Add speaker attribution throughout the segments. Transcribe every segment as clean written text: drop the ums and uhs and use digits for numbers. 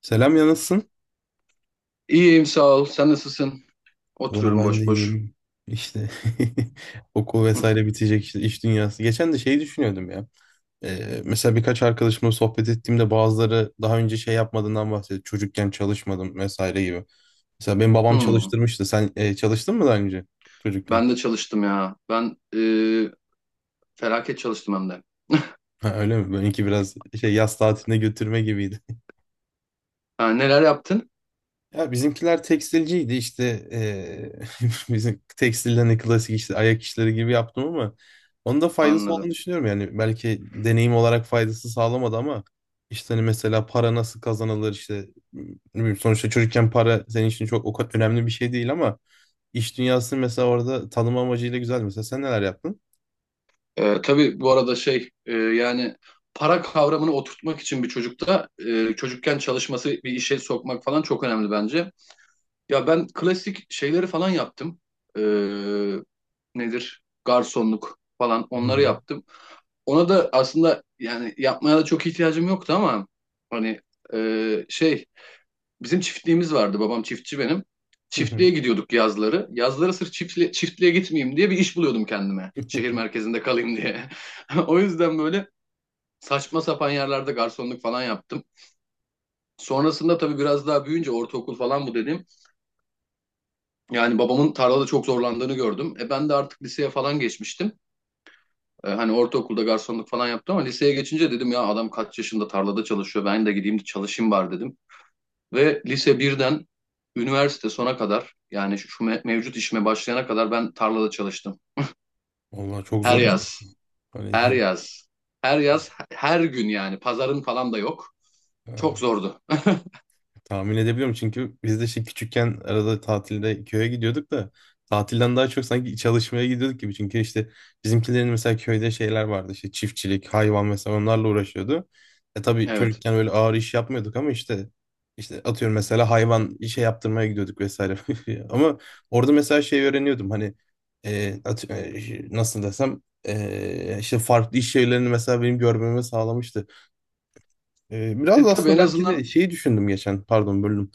Speaker 1: Selam ya, nasılsın?
Speaker 2: İyiyim sağ ol. Sen nasılsın?
Speaker 1: Valla
Speaker 2: Oturuyorum
Speaker 1: ben de
Speaker 2: boş boş.
Speaker 1: iyiyim. İşte okul
Speaker 2: Hı,
Speaker 1: vesaire bitecek, işte iş dünyası. Geçen de şeyi düşünüyordum ya. Mesela birkaç arkadaşımla sohbet ettiğimde bazıları daha önce şey yapmadığından bahsediyor. Çocukken çalışmadım vesaire gibi. Mesela benim babam
Speaker 2: hı.
Speaker 1: çalıştırmıştı. Sen çalıştın mı daha önce çocukken?
Speaker 2: Ben de çalıştım ya. Ben felaket çalıştım hem de.
Speaker 1: Ha, öyle mi? Benimki biraz şey yaz tatiline götürme gibiydi.
Speaker 2: Ha, neler yaptın?
Speaker 1: Ya bizimkiler tekstilciydi, işte bizim tekstilden de klasik işte ayak işleri gibi yaptım, ama onun da faydası
Speaker 2: Anladım.
Speaker 1: olduğunu düşünüyorum. Yani belki deneyim olarak faydası sağlamadı, ama işte hani mesela para nasıl kazanılır, işte ne bileyim, sonuçta çocukken para senin için çok o kadar önemli bir şey değil, ama iş dünyası mesela orada tanım amacıyla güzel. Mesela sen neler yaptın?
Speaker 2: E, tabii bu arada şey yani para kavramını oturtmak için bir çocukken çalışması bir işe sokmak falan çok önemli bence. Ya ben klasik şeyleri falan yaptım. E, nedir? Garsonluk falan
Speaker 1: Hı
Speaker 2: onları
Speaker 1: hı.
Speaker 2: yaptım. Ona da aslında yani yapmaya da çok ihtiyacım yoktu ama hani şey bizim çiftliğimiz vardı, babam çiftçi benim.
Speaker 1: Hı
Speaker 2: Çiftliğe
Speaker 1: hı.
Speaker 2: gidiyorduk yazları. Yazları sırf çiftliğe gitmeyeyim diye bir iş buluyordum kendime. Şehir merkezinde kalayım diye. O yüzden böyle saçma sapan yerlerde garsonluk falan yaptım. Sonrasında tabii biraz daha büyüyünce ortaokul falan, bu dediğim. Yani babamın tarlada çok zorlandığını gördüm. E, ben de artık liseye falan geçmiştim. E, hani ortaokulda garsonluk falan yaptım, ama liseye geçince dedim ya adam kaç yaşında tarlada çalışıyor, ben de gideyim çalışayım bari dedim. Ve lise birden üniversite sona kadar, yani mevcut işime başlayana kadar ben tarlada çalıştım.
Speaker 1: Vallahi çok
Speaker 2: Her
Speaker 1: zor iş.
Speaker 2: yaz,
Speaker 1: Hani
Speaker 2: her yaz, her yaz, her gün, yani pazarın falan da yok. Çok zordu.
Speaker 1: tahmin edebiliyorum, çünkü biz de işte küçükken arada tatilde köye gidiyorduk da tatilden daha çok sanki çalışmaya gidiyorduk gibi. Çünkü işte bizimkilerin mesela köyde şeyler vardı, işte çiftçilik, hayvan, mesela onlarla uğraşıyordu. E tabii
Speaker 2: Evet.
Speaker 1: çocukken böyle ağır iş yapmıyorduk, ama işte atıyorum mesela hayvan işe yaptırmaya gidiyorduk vesaire. Ama orada mesela şey öğreniyordum, hani nasıl desem, işte farklı iş şeylerini mesela benim görmeme sağlamıştı. Biraz
Speaker 2: E,
Speaker 1: da
Speaker 2: tabii
Speaker 1: aslında
Speaker 2: en
Speaker 1: belki
Speaker 2: azından,
Speaker 1: de şeyi düşündüm geçen, pardon, bölüm.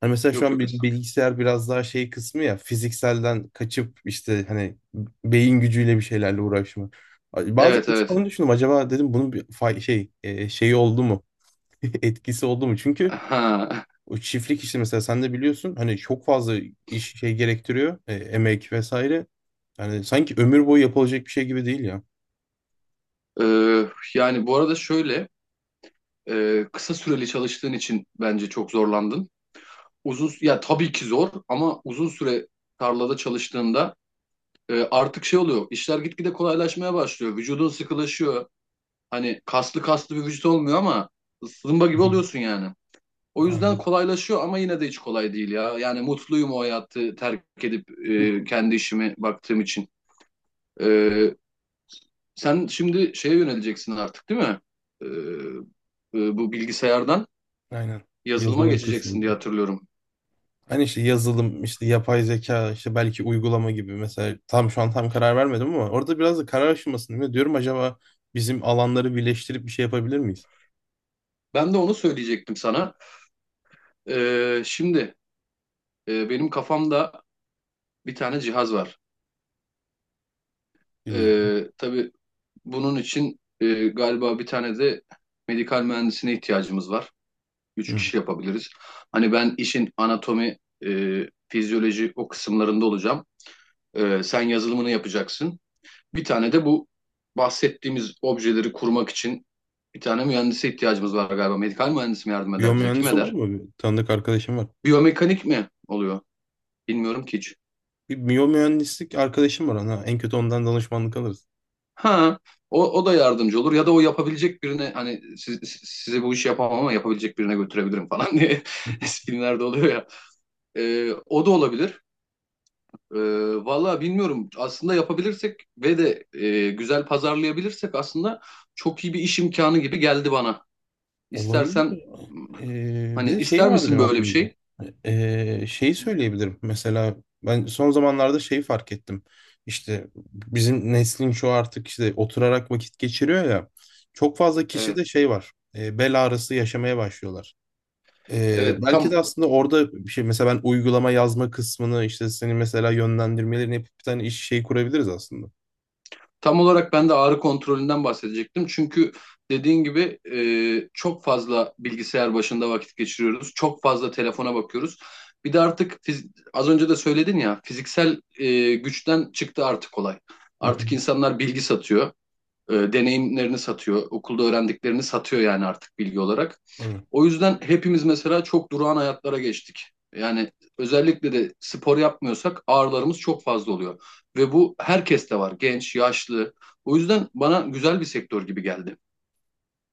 Speaker 1: Hani mesela şu
Speaker 2: yok
Speaker 1: an
Speaker 2: yok, esnaf.
Speaker 1: bilgisayar biraz daha şey kısmı ya, fizikselden kaçıp işte hani beyin gücüyle bir şeylerle uğraşma. Bazen
Speaker 2: Evet,
Speaker 1: hiç
Speaker 2: evet.
Speaker 1: onu düşündüm, acaba dedim, bunun bir şey şeyi oldu mu? Etkisi oldu mu? Çünkü
Speaker 2: Ha.
Speaker 1: o çiftlik işi mesela sen de biliyorsun, hani çok fazla iş şey gerektiriyor, emek vesaire. Yani sanki ömür boyu yapılacak bir şey gibi değil ya.
Speaker 2: E, yani bu arada şöyle, kısa süreli çalıştığın için bence çok zorlandın. Uzun, ya tabii ki zor, ama uzun süre tarlada çalıştığında artık şey oluyor. İşler gitgide kolaylaşmaya başlıyor. Vücudun sıkılaşıyor. Hani kaslı kaslı bir vücut olmuyor ama zımba
Speaker 1: Hı
Speaker 2: gibi
Speaker 1: hı.
Speaker 2: oluyorsun yani. O yüzden
Speaker 1: Anladım.
Speaker 2: kolaylaşıyor ama yine de hiç kolay değil ya. Yani mutluyum o hayatı terk edip kendi işime baktığım için. E, sen şimdi şeye yöneleceksin artık, değil mi? E, e, bu bilgisayardan
Speaker 1: Aynen.
Speaker 2: yazılıma
Speaker 1: Yazılım
Speaker 2: geçeceksin diye
Speaker 1: kısmı.
Speaker 2: hatırlıyorum.
Speaker 1: Hani işte yazılım, işte yapay zeka, işte belki uygulama gibi, mesela tam şu an tam karar vermedim, ama orada biraz da karar aşamasındayım. Ve diyorum, acaba bizim alanları birleştirip bir şey yapabilir miyiz?
Speaker 2: Ben de onu söyleyecektim sana. Şimdi, benim kafamda bir tane cihaz var.
Speaker 1: Dinliyorum.
Speaker 2: Tabii bunun için galiba bir tane de medikal mühendisine ihtiyacımız var. Üç
Speaker 1: Hı.
Speaker 2: kişi yapabiliriz. Hani ben işin anatomi, e, fizyoloji o kısımlarında olacağım. Sen yazılımını yapacaksın. Bir tane de bu bahsettiğimiz objeleri kurmak için bir tane mühendise ihtiyacımız var galiba. Medikal mühendis mi yardım eder bize? Kim
Speaker 1: Biyomühendis olur
Speaker 2: eder?
Speaker 1: mu? Bir tanıdık arkadaşım var.
Speaker 2: Biyomekanik mi oluyor? Bilmiyorum ki hiç.
Speaker 1: Bir biyomühendislik arkadaşım var, ona. En kötü ondan danışmanlık alırız.
Speaker 2: Ha, o da yardımcı olur, ya da o yapabilecek birine hani, size bu işi yapamam ama yapabilecek birine götürebilirim falan diye, eskilerde oluyor ya. O da olabilir. Ee, Valla bilmiyorum, aslında yapabilirsek ve de güzel pazarlayabilirsek aslında çok iyi bir iş imkanı gibi geldi bana.
Speaker 1: Olabilir.
Speaker 2: İstersen,
Speaker 1: Bir
Speaker 2: hani
Speaker 1: de şey
Speaker 2: ister
Speaker 1: vardı
Speaker 2: misin
Speaker 1: benim
Speaker 2: böyle bir
Speaker 1: aklımda.
Speaker 2: şey?
Speaker 1: Şeyi söyleyebilirim. Mesela ben son zamanlarda şeyi fark ettim. İşte bizim neslin şu, artık işte oturarak vakit geçiriyor ya. Çok fazla kişi de
Speaker 2: Evet.
Speaker 1: şey var. Bel ağrısı yaşamaya başlıyorlar.
Speaker 2: Evet,
Speaker 1: Belki de
Speaker 2: tam
Speaker 1: aslında orada bir şey, mesela ben uygulama yazma kısmını, işte seni mesela yönlendirmelerini yapıp bir tane iş şey kurabiliriz aslında.
Speaker 2: Tam olarak ben de ağrı kontrolünden bahsedecektim. Çünkü dediğin gibi çok fazla bilgisayar başında vakit geçiriyoruz. Çok fazla telefona bakıyoruz. Bir de artık az önce de söyledin ya, fiziksel güçten çıktı artık olay.
Speaker 1: Hı hı.
Speaker 2: Artık insanlar bilgi satıyor, deneyimlerini satıyor, okulda öğrendiklerini satıyor, yani artık bilgi olarak.
Speaker 1: Tabii.
Speaker 2: O yüzden hepimiz mesela çok durağan hayatlara geçtik. Yani özellikle de spor yapmıyorsak ağrılarımız çok fazla oluyor. Ve bu herkeste var. Genç, yaşlı. O yüzden bana güzel bir sektör gibi geldi.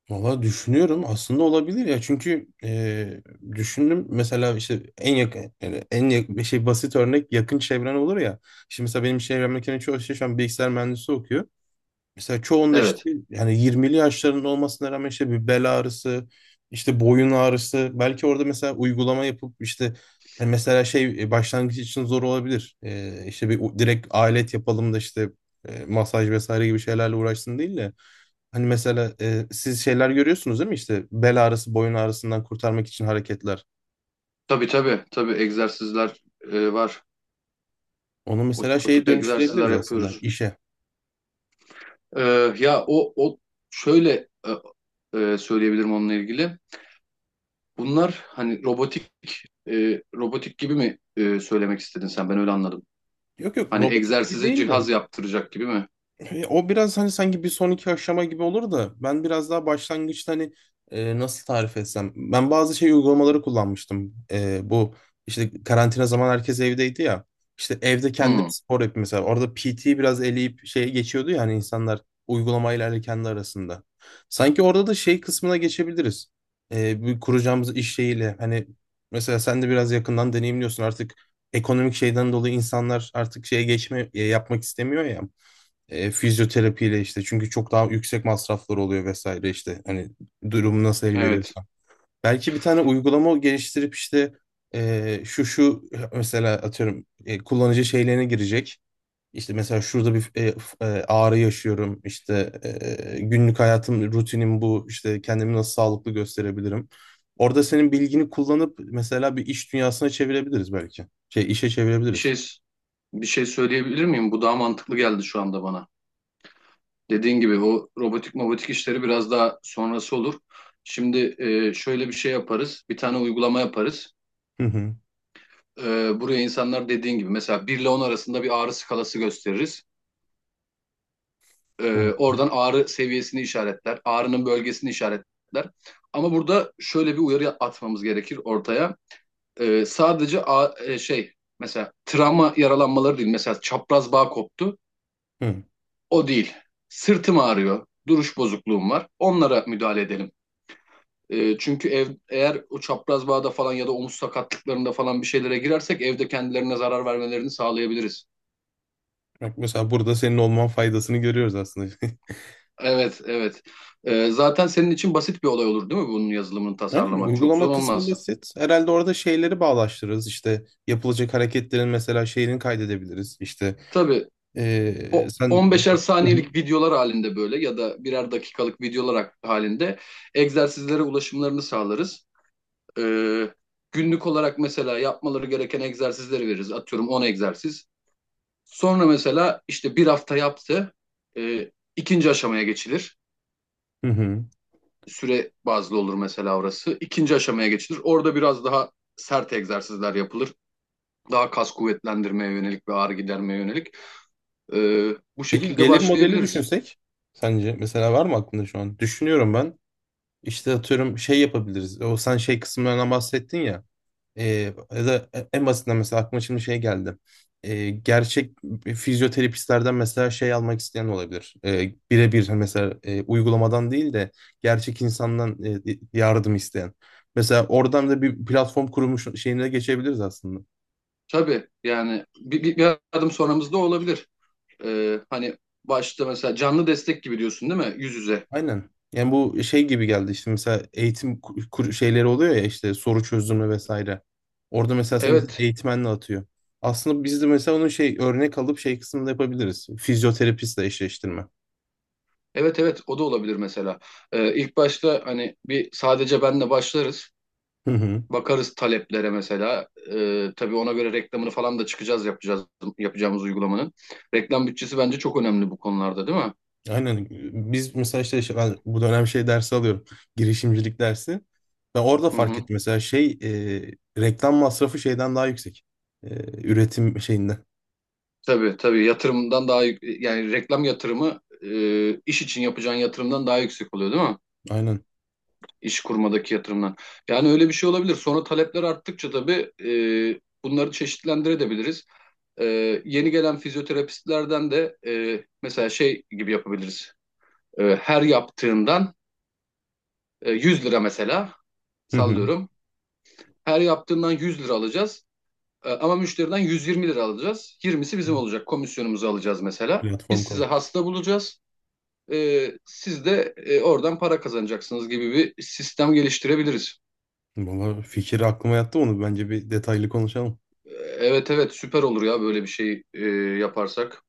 Speaker 1: Valla düşünüyorum, aslında olabilir ya, çünkü düşündüm mesela, işte en yakın, yani en yakın, bir şey basit örnek yakın çevren olur ya. Şimdi mesela benim çevremdeki çoğu şey şu an bilgisayar mühendisi okuyor. Mesela çoğunda
Speaker 2: Evet.
Speaker 1: işte, yani 20'li yaşlarında olmasına rağmen, işte bir bel ağrısı, işte boyun ağrısı. Belki orada mesela uygulama yapıp işte, mesela şey başlangıç için zor olabilir. E, işte bir direkt alet yapalım da işte masaj vesaire gibi şeylerle uğraşsın değil de. Hani mesela, siz şeyler görüyorsunuz değil mi? İşte bel ağrısı, boyun ağrısından kurtarmak için hareketler.
Speaker 2: Tabii, tabii. Tabii egzersizler var.
Speaker 1: Onu
Speaker 2: O,
Speaker 1: mesela
Speaker 2: o
Speaker 1: şeye
Speaker 2: tip egzersizler
Speaker 1: dönüştürebiliriz aslında,
Speaker 2: yapıyoruz.
Speaker 1: işe.
Speaker 2: E, ya o şöyle söyleyebilirim onunla ilgili. Bunlar hani robotik gibi mi söylemek istedin sen? Ben öyle anladım.
Speaker 1: Yok yok,
Speaker 2: Hani
Speaker 1: robotik gibi
Speaker 2: egzersize
Speaker 1: değil
Speaker 2: cihaz
Speaker 1: de.
Speaker 2: yaptıracak gibi mi?
Speaker 1: E, o biraz hani sanki bir sonraki aşama gibi olur da, ben biraz daha başlangıçta, hani nasıl tarif etsem. Ben bazı şey uygulamaları kullanmıştım. E, bu işte karantina zaman herkes evdeydi ya. İşte evde kendim
Speaker 2: Hmm.
Speaker 1: spor yapayım mesela. Orada PT biraz eleyip şeye geçiyordu ya, hani insanlar uygulamayla ile kendi arasında. Sanki orada da şey kısmına geçebiliriz. E, bir kuracağımız iş şeyiyle, hani mesela sen de biraz yakından deneyimliyorsun artık ekonomik şeyden dolayı, insanlar artık şeye geçme yapmak istemiyor ya. E, fizyoterapiyle işte, çünkü çok daha yüksek masraflar oluyor vesaire, işte hani durumu nasıl el
Speaker 2: Evet.
Speaker 1: veriyorsa. Belki bir tane uygulama geliştirip işte, şu şu mesela atıyorum, kullanıcı şeylerine girecek. İşte mesela şurada bir ağrı yaşıyorum, işte günlük hayatım, rutinim bu, işte kendimi nasıl sağlıklı gösterebilirim. Orada senin bilgini kullanıp mesela bir iş dünyasına çevirebiliriz belki. Şey işe
Speaker 2: Bir
Speaker 1: çevirebiliriz.
Speaker 2: şey bir şey söyleyebilir miyim? Bu daha mantıklı geldi şu anda bana. Dediğin gibi o robotik mobotik işleri biraz daha sonrası olur. Şimdi şöyle bir şey yaparız. Bir tane uygulama yaparız.
Speaker 1: Hı hı.
Speaker 2: E, buraya insanlar, dediğin gibi, mesela 1 ile 10 arasında bir ağrı skalası gösteririz. E, oradan ağrı seviyesini işaretler. Ağrının bölgesini işaretler. Ama burada şöyle bir uyarı atmamız gerekir ortaya. E, sadece şey, mesela travma yaralanmaları değil. Mesela çapraz bağ koptu.
Speaker 1: Hı.
Speaker 2: O değil. Sırtım ağrıyor. Duruş bozukluğum var. Onlara müdahale edelim. Çünkü eğer o çapraz bağda falan ya da omuz sakatlıklarında falan bir şeylere girersek evde kendilerine zarar vermelerini sağlayabiliriz.
Speaker 1: Bak mesela burada senin olman faydasını görüyoruz aslında.
Speaker 2: Evet, evet. Zaten senin için basit bir olay olur değil mi bunun yazılımını
Speaker 1: Aynen,
Speaker 2: tasarlamak? Çok zor
Speaker 1: uygulama kısmı
Speaker 2: olmaz.
Speaker 1: basit. Herhalde orada şeyleri bağlaştırırız. İşte yapılacak hareketlerin mesela şeyini kaydedebiliriz. İşte
Speaker 2: Tabii, o
Speaker 1: sen...
Speaker 2: 15'er
Speaker 1: Hı hı.
Speaker 2: saniyelik videolar halinde böyle ya da birer dakikalık videolar halinde egzersizlere ulaşımlarını sağlarız. Ee, Günlük olarak mesela yapmaları gereken egzersizleri veririz. Atıyorum 10 egzersiz. Sonra mesela işte bir hafta yaptı. Ee, ikinci aşamaya geçilir.
Speaker 1: Hı hı.
Speaker 2: Süre bazlı olur mesela orası. İkinci aşamaya geçilir. Orada biraz daha sert egzersizler yapılır. Daha kas kuvvetlendirmeye yönelik ve ağrı gidermeye yönelik. Bu
Speaker 1: Peki
Speaker 2: şekilde
Speaker 1: gelir modeli
Speaker 2: başlayabiliriz.
Speaker 1: düşünsek, sence mesela var mı aklında şu an? Düşünüyorum ben. İşte atıyorum şey yapabiliriz. O sen şey kısımlarından bahsettin ya. E, Ya da en basitinden mesela aklıma şimdi şey geldi. E, gerçek fizyoterapistlerden mesela şey almak isteyen olabilir. E, birebir hani mesela, uygulamadan değil de gerçek insandan yardım isteyen. Mesela oradan da bir platform kurmuş şeyine geçebiliriz aslında.
Speaker 2: Tabii yani bir adım sonramızda olabilir. Hani başta mesela canlı destek gibi diyorsun, değil mi? Yüz yüze.
Speaker 1: Aynen. Yani bu şey gibi geldi, işte mesela eğitim şeyleri oluyor ya, işte soru çözümü vesaire. Orada mesela sen mesela
Speaker 2: Evet.
Speaker 1: eğitmenle atıyor. Aslında biz de mesela onun şey örnek alıp şey kısmında yapabiliriz. Fizyoterapistle eşleştirme.
Speaker 2: Evet, evet, o da olabilir mesela. İlk başta hani bir sadece benle başlarız.
Speaker 1: Hı hı.
Speaker 2: Bakarız taleplere mesela. Tabii ona göre reklamını falan da çıkacağız, yapacağız yapacağımız uygulamanın. Reklam bütçesi bence çok önemli bu konularda, değil mi?
Speaker 1: Aynen. Biz mesela işte ben bu dönem şey dersi alıyorum. Girişimcilik dersi. Ben orada
Speaker 2: Hı,
Speaker 1: fark
Speaker 2: hı.
Speaker 1: ettim mesela şey, reklam masrafı şeyden daha yüksek. E, Üretim şeyinde.
Speaker 2: Tabii, tabii, yatırımdan daha yani reklam yatırımı, iş için yapacağın yatırımdan daha yüksek oluyor, değil mi?
Speaker 1: Aynen.
Speaker 2: İş kurmadaki yatırımdan. Yani öyle bir şey olabilir. Sonra talepler arttıkça tabii bunları çeşitlendirebiliriz. Yeni gelen fizyoterapistlerden de mesela şey gibi yapabiliriz. Her yaptığından 100 lira mesela,
Speaker 1: Hı hı.
Speaker 2: sallıyorum. Her yaptığından 100 lira alacağız. Ama müşteriden 120 lira alacağız. 20'si bizim olacak. Komisyonumuzu alacağız mesela. Biz
Speaker 1: Platform.
Speaker 2: size hasta bulacağız. Siz de oradan para kazanacaksınız gibi bir sistem geliştirebiliriz.
Speaker 1: Valla fikir aklıma yattı onu. Bence bir detaylı konuşalım.
Speaker 2: Ee, Evet, evet, süper olur ya böyle bir şey yaparsak.